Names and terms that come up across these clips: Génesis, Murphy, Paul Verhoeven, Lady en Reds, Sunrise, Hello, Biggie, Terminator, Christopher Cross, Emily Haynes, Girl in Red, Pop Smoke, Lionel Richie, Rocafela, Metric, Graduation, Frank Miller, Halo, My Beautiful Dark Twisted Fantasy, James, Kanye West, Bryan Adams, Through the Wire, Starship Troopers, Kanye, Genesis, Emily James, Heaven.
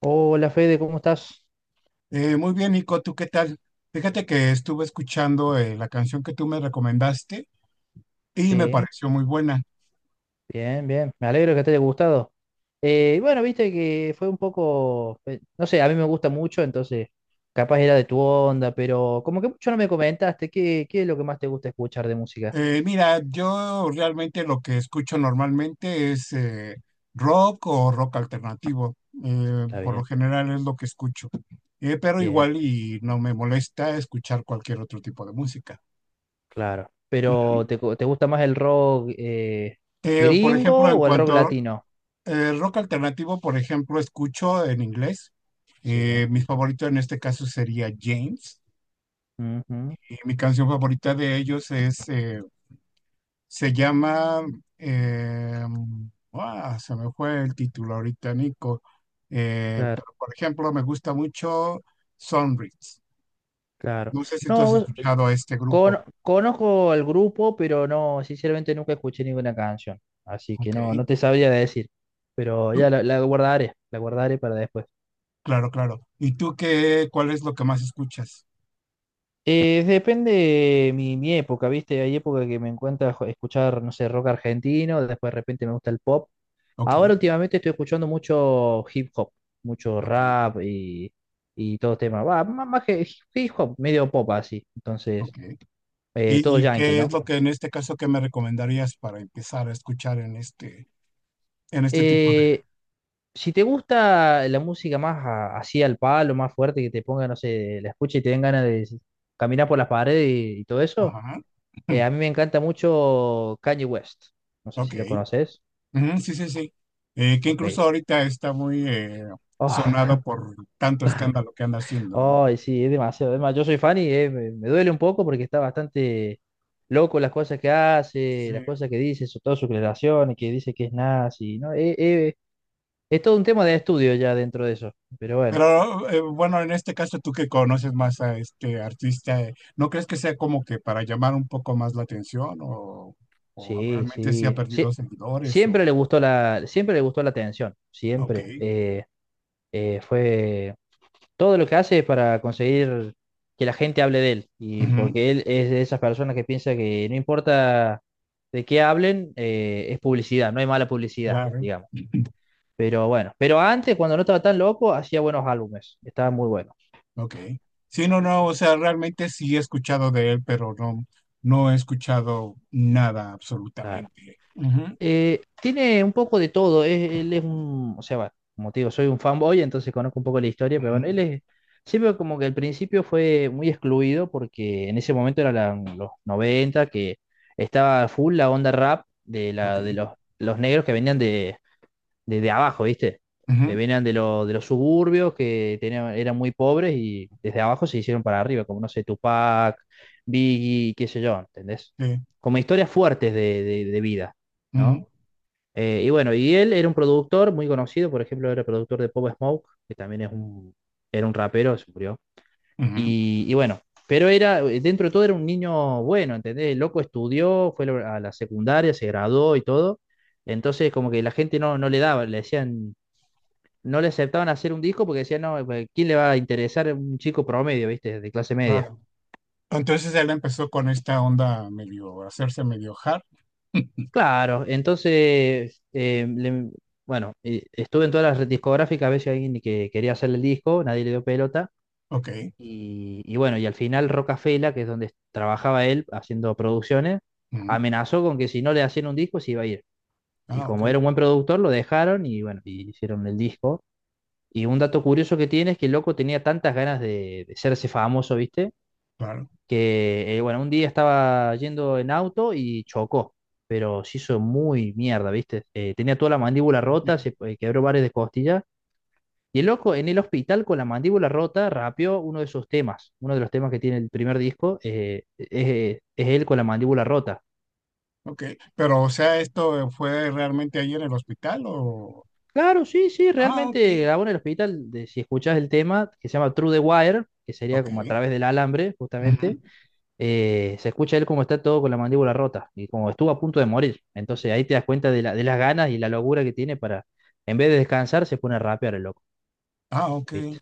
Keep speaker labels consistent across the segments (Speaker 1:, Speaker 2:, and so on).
Speaker 1: Hola Fede, ¿cómo estás?
Speaker 2: Muy bien, Nico, ¿tú qué tal? Fíjate que estuve escuchando la canción que tú me recomendaste y me
Speaker 1: Sí,
Speaker 2: pareció muy buena.
Speaker 1: bien, bien. Me alegro que te haya gustado. Bueno, viste que fue un poco, no sé, a mí me gusta mucho, entonces capaz era de tu onda, pero como que mucho no me comentaste, ¿qué es lo que más te gusta escuchar de música?
Speaker 2: Mira, yo realmente lo que escucho normalmente es rock o rock alternativo.
Speaker 1: Está
Speaker 2: Por lo
Speaker 1: bien,
Speaker 2: general es lo que escucho. Pero
Speaker 1: bien,
Speaker 2: igual y no me molesta escuchar cualquier otro tipo de música.
Speaker 1: claro. Pero
Speaker 2: Ujú.
Speaker 1: te gusta más el rock
Speaker 2: Por ejemplo,
Speaker 1: gringo
Speaker 2: en
Speaker 1: o el rock
Speaker 2: cuanto a
Speaker 1: latino?
Speaker 2: rock alternativo, por ejemplo, escucho en inglés.
Speaker 1: Sí.
Speaker 2: Mi favorito en este caso sería James.
Speaker 1: Ujú,
Speaker 2: Mi canción favorita de ellos es, se llama, eh, se me fue el título ahorita, Nico.
Speaker 1: claro.
Speaker 2: Pero por ejemplo me gusta mucho Sunrise.
Speaker 1: Claro.
Speaker 2: No sé si tú
Speaker 1: No,
Speaker 2: has escuchado a este grupo.
Speaker 1: conozco el grupo, pero no, sinceramente nunca escuché ninguna canción. Así que
Speaker 2: Ok.
Speaker 1: no, no te sabría decir. Pero ya
Speaker 2: ¿Tú?
Speaker 1: la guardaré para después.
Speaker 2: Claro, claro. ¿Y tú qué, cuál es lo que más escuchas?
Speaker 1: Depende mi época, ¿viste? Hay época que me encuentra escuchar, no sé, rock argentino, después de repente me gusta el pop.
Speaker 2: Ok,
Speaker 1: Ahora últimamente estoy escuchando mucho hip hop, mucho
Speaker 2: ok,
Speaker 1: rap y todo tema. Va, más que hip hop, medio pop así. Entonces,
Speaker 2: ok.
Speaker 1: todo
Speaker 2: Y
Speaker 1: yankee,
Speaker 2: qué es
Speaker 1: ¿no?
Speaker 2: lo que en este caso que me recomendarías para empezar a escuchar en este tipo de...
Speaker 1: Eh, si te gusta la música más así al palo, más fuerte, que te ponga, no sé, la escucha y te den ganas de caminar por las paredes y todo eso,
Speaker 2: Ajá.
Speaker 1: a mí me encanta mucho Kanye West. No sé
Speaker 2: Ok.
Speaker 1: si lo conoces.
Speaker 2: Ujú, sí, sí, sí. Que
Speaker 1: Ok.
Speaker 2: incluso ahorita está muy sonado
Speaker 1: Oh,
Speaker 2: por tanto escándalo que anda haciendo, ¿no?
Speaker 1: ay, sí, es demasiado. Además, yo soy fan y me duele un poco porque está bastante loco las cosas que hace,
Speaker 2: Sí.
Speaker 1: las cosas que dice, todas sus declaraciones, que dice que es nazi, ¿no? Es todo un tema de estudio ya dentro de eso. Pero bueno.
Speaker 2: Pero bueno, en este caso tú que conoces más a este artista, ¿no crees que sea como que para llamar un poco más la atención o
Speaker 1: Sí,
Speaker 2: realmente sí ha
Speaker 1: sí, sí.
Speaker 2: perdido seguidores
Speaker 1: Siempre
Speaker 2: o...
Speaker 1: le gustó siempre le gustó la atención,
Speaker 2: Ok,
Speaker 1: siempre. Fue Todo lo que hace es para conseguir que la gente hable de él. Y
Speaker 2: ujú,
Speaker 1: porque él es de esas personas que piensa que no importa de qué hablen, es publicidad, no hay mala publicidad,
Speaker 2: claro,
Speaker 1: digamos. Pero bueno, pero antes, cuando no estaba tan loco, hacía buenos álbumes, estaban muy buenos.
Speaker 2: ok. Sí, no, no, o sea, realmente sí he escuchado de él, pero no, no he escuchado nada
Speaker 1: Claro.
Speaker 2: absolutamente. Ujú,
Speaker 1: Tiene un poco de todo. Él es un, o sea, va, como te digo, soy un fanboy, entonces conozco un poco la historia, pero bueno,
Speaker 2: ujú,
Speaker 1: él es, siempre como que al principio fue muy excluido porque en ese momento eran los 90 que estaba full la onda rap de,
Speaker 2: ok.
Speaker 1: la, de los negros que venían de, de abajo, ¿viste? Que
Speaker 2: Ujú,
Speaker 1: venían de los suburbios, que tenían, eran muy pobres y desde abajo se hicieron para arriba, como no sé, Tupac, Biggie, qué sé yo, ¿entendés?
Speaker 2: sí,
Speaker 1: Como historias fuertes de, de vida. ¿No?
Speaker 2: ujú,
Speaker 1: Y bueno, y él era un productor muy conocido, por ejemplo, era productor de Pop Smoke, que también es un, era un rapero, se murió.
Speaker 2: ujú,
Speaker 1: Y bueno, pero era, dentro de todo era un niño bueno, ¿entendés? El loco estudió, fue a la secundaria, se graduó y todo. Entonces, como que la gente no le daba, le decían, no le aceptaban hacer un disco porque decían, no, pues, ¿quién le va a interesar un chico promedio, viste, de clase media?
Speaker 2: claro. Entonces él empezó con esta onda medio, hacerse medio hard.
Speaker 1: Claro, entonces, bueno, estuve en todas las discográficas a ver si alguien que quería hacer el disco, nadie le dio pelota.
Speaker 2: Ok.
Speaker 1: Y bueno, y al final Rocafela, que es donde trabajaba él haciendo producciones,
Speaker 2: Ujú.
Speaker 1: amenazó con que si no le hacían un disco se iba a ir. Y
Speaker 2: Ah, ok,
Speaker 1: como era un buen productor, lo dejaron y bueno, y hicieron el disco. Y un dato curioso que tiene es que el loco tenía tantas ganas de hacerse famoso, ¿viste?
Speaker 2: claro.
Speaker 1: Que bueno, un día estaba yendo en auto y chocó, pero se hizo muy mierda, ¿viste? Tenía toda la mandíbula rota,
Speaker 2: Bien,
Speaker 1: se quebró varias de costillas y el loco en el hospital con la mandíbula rota rapeó uno de sus temas. Uno de los temas que tiene el primer disco es él con la mandíbula rota.
Speaker 2: ok. Pero, o sea, ¿esto fue realmente ahí en el hospital o...?
Speaker 1: Claro, sí, sí,
Speaker 2: Ah, ok.
Speaker 1: realmente grabó en el hospital. Si escuchás el tema que se llama Through the Wire, que sería
Speaker 2: Ok.
Speaker 1: como a través del alambre,
Speaker 2: Ujú.
Speaker 1: justamente, se escucha él como está todo con la mandíbula rota y como estuvo a punto de morir. Entonces ahí te das cuenta de las ganas y la locura que tiene para, en vez de descansar, se pone a rapear el loco,
Speaker 2: Ah, ok.
Speaker 1: ¿viste?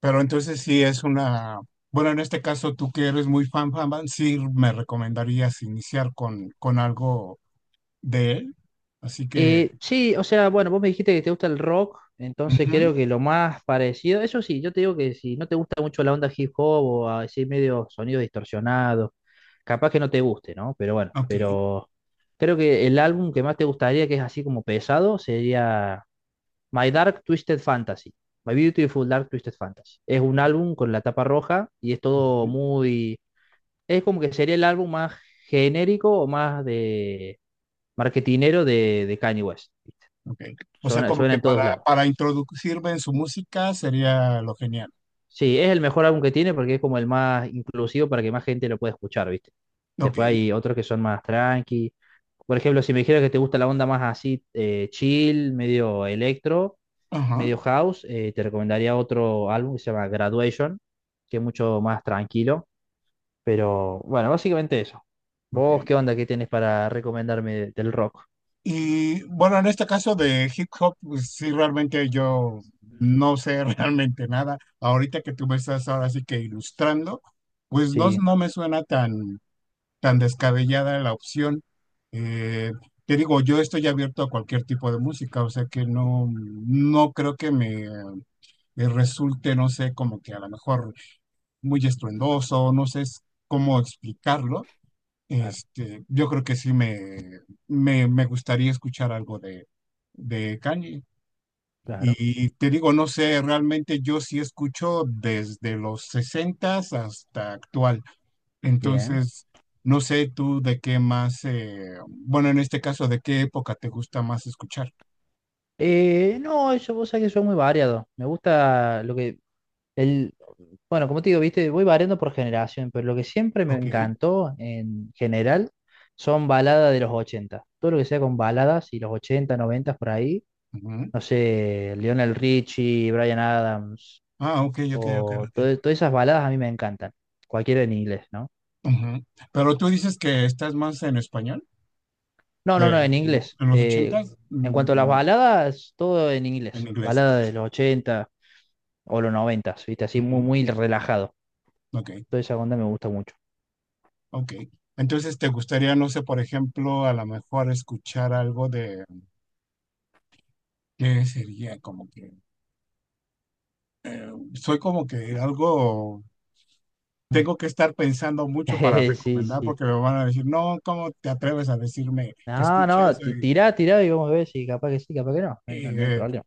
Speaker 2: Pero entonces sí es una... Bueno, en este caso, tú que eres muy fan, fan, fan, sí me recomendarías iniciar con algo de él. Así que...
Speaker 1: Sí, o sea, bueno, vos me dijiste que te gusta el rock, entonces
Speaker 2: Ujú.
Speaker 1: creo que lo más parecido, eso sí, yo te digo que si no te gusta mucho la onda hip hop o así medio sonido distorsionado, capaz que no te guste, ¿no? Pero bueno,
Speaker 2: Ok.
Speaker 1: pero creo que el álbum que más te gustaría, que es así como pesado, sería My Dark Twisted Fantasy, My Beautiful Dark Twisted Fantasy. Es un álbum con la tapa roja y es todo
Speaker 2: Ujú.
Speaker 1: muy, es como que sería el álbum más genérico o más de marketinero de Kanye West.
Speaker 2: Ok. O sea,
Speaker 1: Suena,
Speaker 2: como
Speaker 1: suena
Speaker 2: que
Speaker 1: en todos lados.
Speaker 2: para introducirme en su música sería lo genial.
Speaker 1: Sí, es el mejor álbum que tiene porque es como el más inclusivo para que más gente lo pueda escuchar, ¿viste?
Speaker 2: Ok.
Speaker 1: Después hay otros que son más tranqui. Por ejemplo, si me dijeras que te gusta la onda más así, chill, medio electro,
Speaker 2: Ajá.
Speaker 1: medio house, te recomendaría otro álbum que se llama Graduation, que es mucho más tranquilo. Pero bueno, básicamente eso.
Speaker 2: Ok.
Speaker 1: ¿Vos qué onda que tenés para recomendarme del rock?
Speaker 2: Y bueno, en este caso de hip hop, pues sí, realmente yo no sé realmente nada. Ahorita que tú me estás ahora sí que ilustrando, pues no,
Speaker 1: Sí,
Speaker 2: no me suena tan, tan descabellada la opción. Eh, te digo, yo estoy abierto a cualquier tipo de música, o sea que no, no creo que me resulte, no sé, como que a lo mejor muy estruendoso, no sé cómo explicarlo.
Speaker 1: claro,
Speaker 2: Este, yo creo que sí me gustaría escuchar algo de Kanye.
Speaker 1: claro,
Speaker 2: Y te digo, no sé, realmente yo sí escucho desde los sesentas hasta actual.
Speaker 1: bien.
Speaker 2: Entonces, no sé tú de qué más, bueno, en este caso, de qué época te gusta más escuchar.
Speaker 1: No, eso vos sabés que soy muy variado. Me gusta lo que... El, bueno, como te digo, viste, voy variando por generación, pero lo que siempre me
Speaker 2: Ok.
Speaker 1: encantó en general son baladas de los ochenta. Todo lo que sea con baladas y los 80 90 por ahí.
Speaker 2: Ujú.
Speaker 1: No sé, Lionel Richie, Bryan Adams,
Speaker 2: Ah, ok, ok, ok,
Speaker 1: o
Speaker 2: ok.
Speaker 1: todas esas baladas a mí me encantan. Cualquiera en inglés, ¿no?
Speaker 2: Ujú. Pero tú dices que estás más en español.
Speaker 1: No, no,
Speaker 2: De,
Speaker 1: no, en
Speaker 2: en
Speaker 1: inglés.
Speaker 2: los ochentas,
Speaker 1: En cuanto a
Speaker 2: mm,
Speaker 1: las
Speaker 2: no,
Speaker 1: baladas, todo en
Speaker 2: en
Speaker 1: inglés.
Speaker 2: inglés.
Speaker 1: Balada de los 80 o los noventas, ¿viste? Así muy,
Speaker 2: Ujú,
Speaker 1: muy relajado.
Speaker 2: ok,
Speaker 1: Toda esa onda me gusta mucho.
Speaker 2: ok. Entonces, ¿te gustaría, no sé, por ejemplo, a lo mejor escuchar algo de, ¿qué sería? Como que, soy como que algo, tengo que estar pensando mucho para
Speaker 1: Sí,
Speaker 2: recomendar
Speaker 1: sí.
Speaker 2: porque me van a decir, no, ¿cómo te atreves a decirme que
Speaker 1: No,
Speaker 2: escuche
Speaker 1: no,
Speaker 2: eso? Y,
Speaker 1: tirá, tirá y vamos a ver si capaz que sí, capaz que no. No, no hay
Speaker 2: eh,
Speaker 1: problema.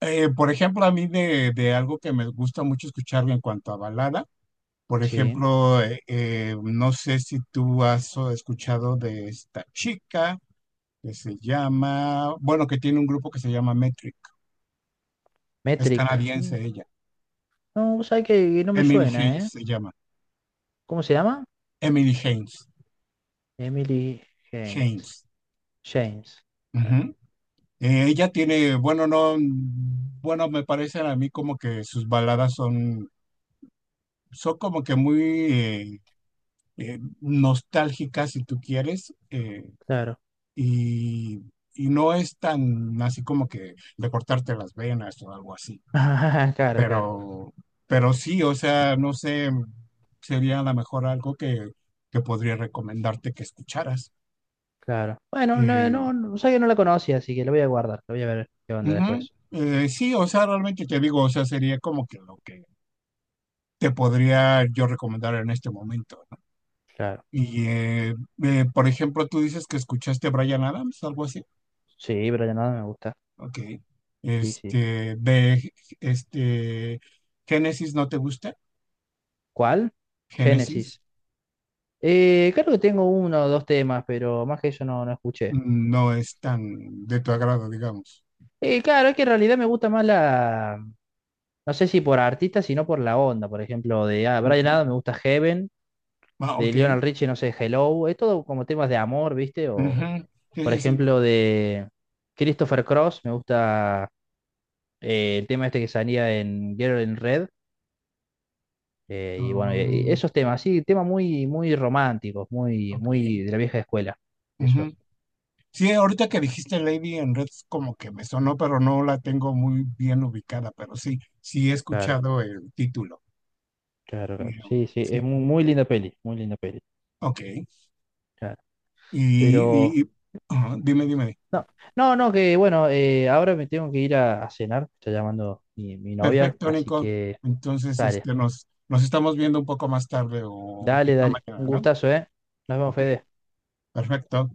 Speaker 2: por ejemplo, a mí de algo que me gusta mucho escuchar en cuanto a balada. Por
Speaker 1: Sí.
Speaker 2: ejemplo, no sé si tú has escuchado de esta chica que se llama, bueno, que tiene un grupo que se llama Metric. Es
Speaker 1: Metric. Mm,
Speaker 2: canadiense ella.
Speaker 1: no, vos sabés que no me
Speaker 2: Emily
Speaker 1: suena,
Speaker 2: Haynes
Speaker 1: ¿eh?
Speaker 2: se llama.
Speaker 1: ¿Cómo se llama?
Speaker 2: Emily Haynes.
Speaker 1: Emily James.
Speaker 2: Haynes.
Speaker 1: James. Eh,
Speaker 2: Ujú. Ella tiene, bueno, no, mm, bueno, me parecen a mí como que sus baladas son, son como que muy eh, nostálgicas, si tú quieres.
Speaker 1: Claro.
Speaker 2: Y, y no es tan así como que de cortarte las venas o algo así,
Speaker 1: Claro, claro,
Speaker 2: pero, pero sí, o sea, no sé, sería a lo mejor algo que podría recomendarte que escucharas.
Speaker 1: claro. Bueno, no,
Speaker 2: Eh,
Speaker 1: no, no, sabés que no la conocía, así que la voy a guardar. La voy a ver qué onda
Speaker 2: ujú,
Speaker 1: después.
Speaker 2: sí, o sea, realmente te digo, o sea, sería como que lo que te podría yo recomendar en este momento. ¿No?
Speaker 1: Claro.
Speaker 2: Y, por ejemplo, tú dices que escuchaste Bryan Adams, algo así.
Speaker 1: Sí, pero ya nada me gusta.
Speaker 2: Ok.
Speaker 1: Sí, sí.
Speaker 2: Este, de, este, Génesis no te gusta.
Speaker 1: ¿Cuál?
Speaker 2: Génesis
Speaker 1: Génesis. Creo que tengo uno o dos temas, pero más que eso no escuché.
Speaker 2: no es tan de tu agrado, digamos.
Speaker 1: Claro, es que en realidad me gusta más la. No sé si por artista, sino por la onda. Por ejemplo, de Brian
Speaker 2: Ujú.
Speaker 1: Adams me gusta Heaven,
Speaker 2: Ah,
Speaker 1: de
Speaker 2: ok.
Speaker 1: Lionel Richie, no sé, Hello. Es todo como temas de amor, ¿viste? O,
Speaker 2: Ujú. Sí,
Speaker 1: por
Speaker 2: sí, sí.
Speaker 1: ejemplo, de Christopher Cross, me gusta el tema este que salía en Girl in Red. Y bueno, y
Speaker 2: Mm,
Speaker 1: esos temas, sí, temas muy, muy románticos, muy,
Speaker 2: ok.
Speaker 1: muy de la vieja escuela. Eso,
Speaker 2: Ujú. Sí, ahorita que dijiste Lady en Reds como que me sonó, pero no la tengo muy bien ubicada, pero sí, sí he
Speaker 1: claro.
Speaker 2: escuchado el título.
Speaker 1: Claro,
Speaker 2: Eh,
Speaker 1: claro. Sí, sí, es
Speaker 2: Sí,
Speaker 1: muy, muy linda peli, muy linda peli.
Speaker 2: ok. Y,
Speaker 1: Claro. Pero,
Speaker 2: y- y- ajá, dime, dime.
Speaker 1: no, no, no, que bueno, ahora me tengo que ir a cenar, me está llamando mi novia,
Speaker 2: Perfecto,
Speaker 1: así
Speaker 2: Nico.
Speaker 1: que
Speaker 2: Entonces,
Speaker 1: dale,
Speaker 2: este, nos, nos estamos viendo un poco más tarde o
Speaker 1: dale,
Speaker 2: quizá
Speaker 1: dale. Un
Speaker 2: mañana, ¿no?
Speaker 1: gustazo, ¿eh? Nos vemos,
Speaker 2: Ok,
Speaker 1: Fede.
Speaker 2: perfecto.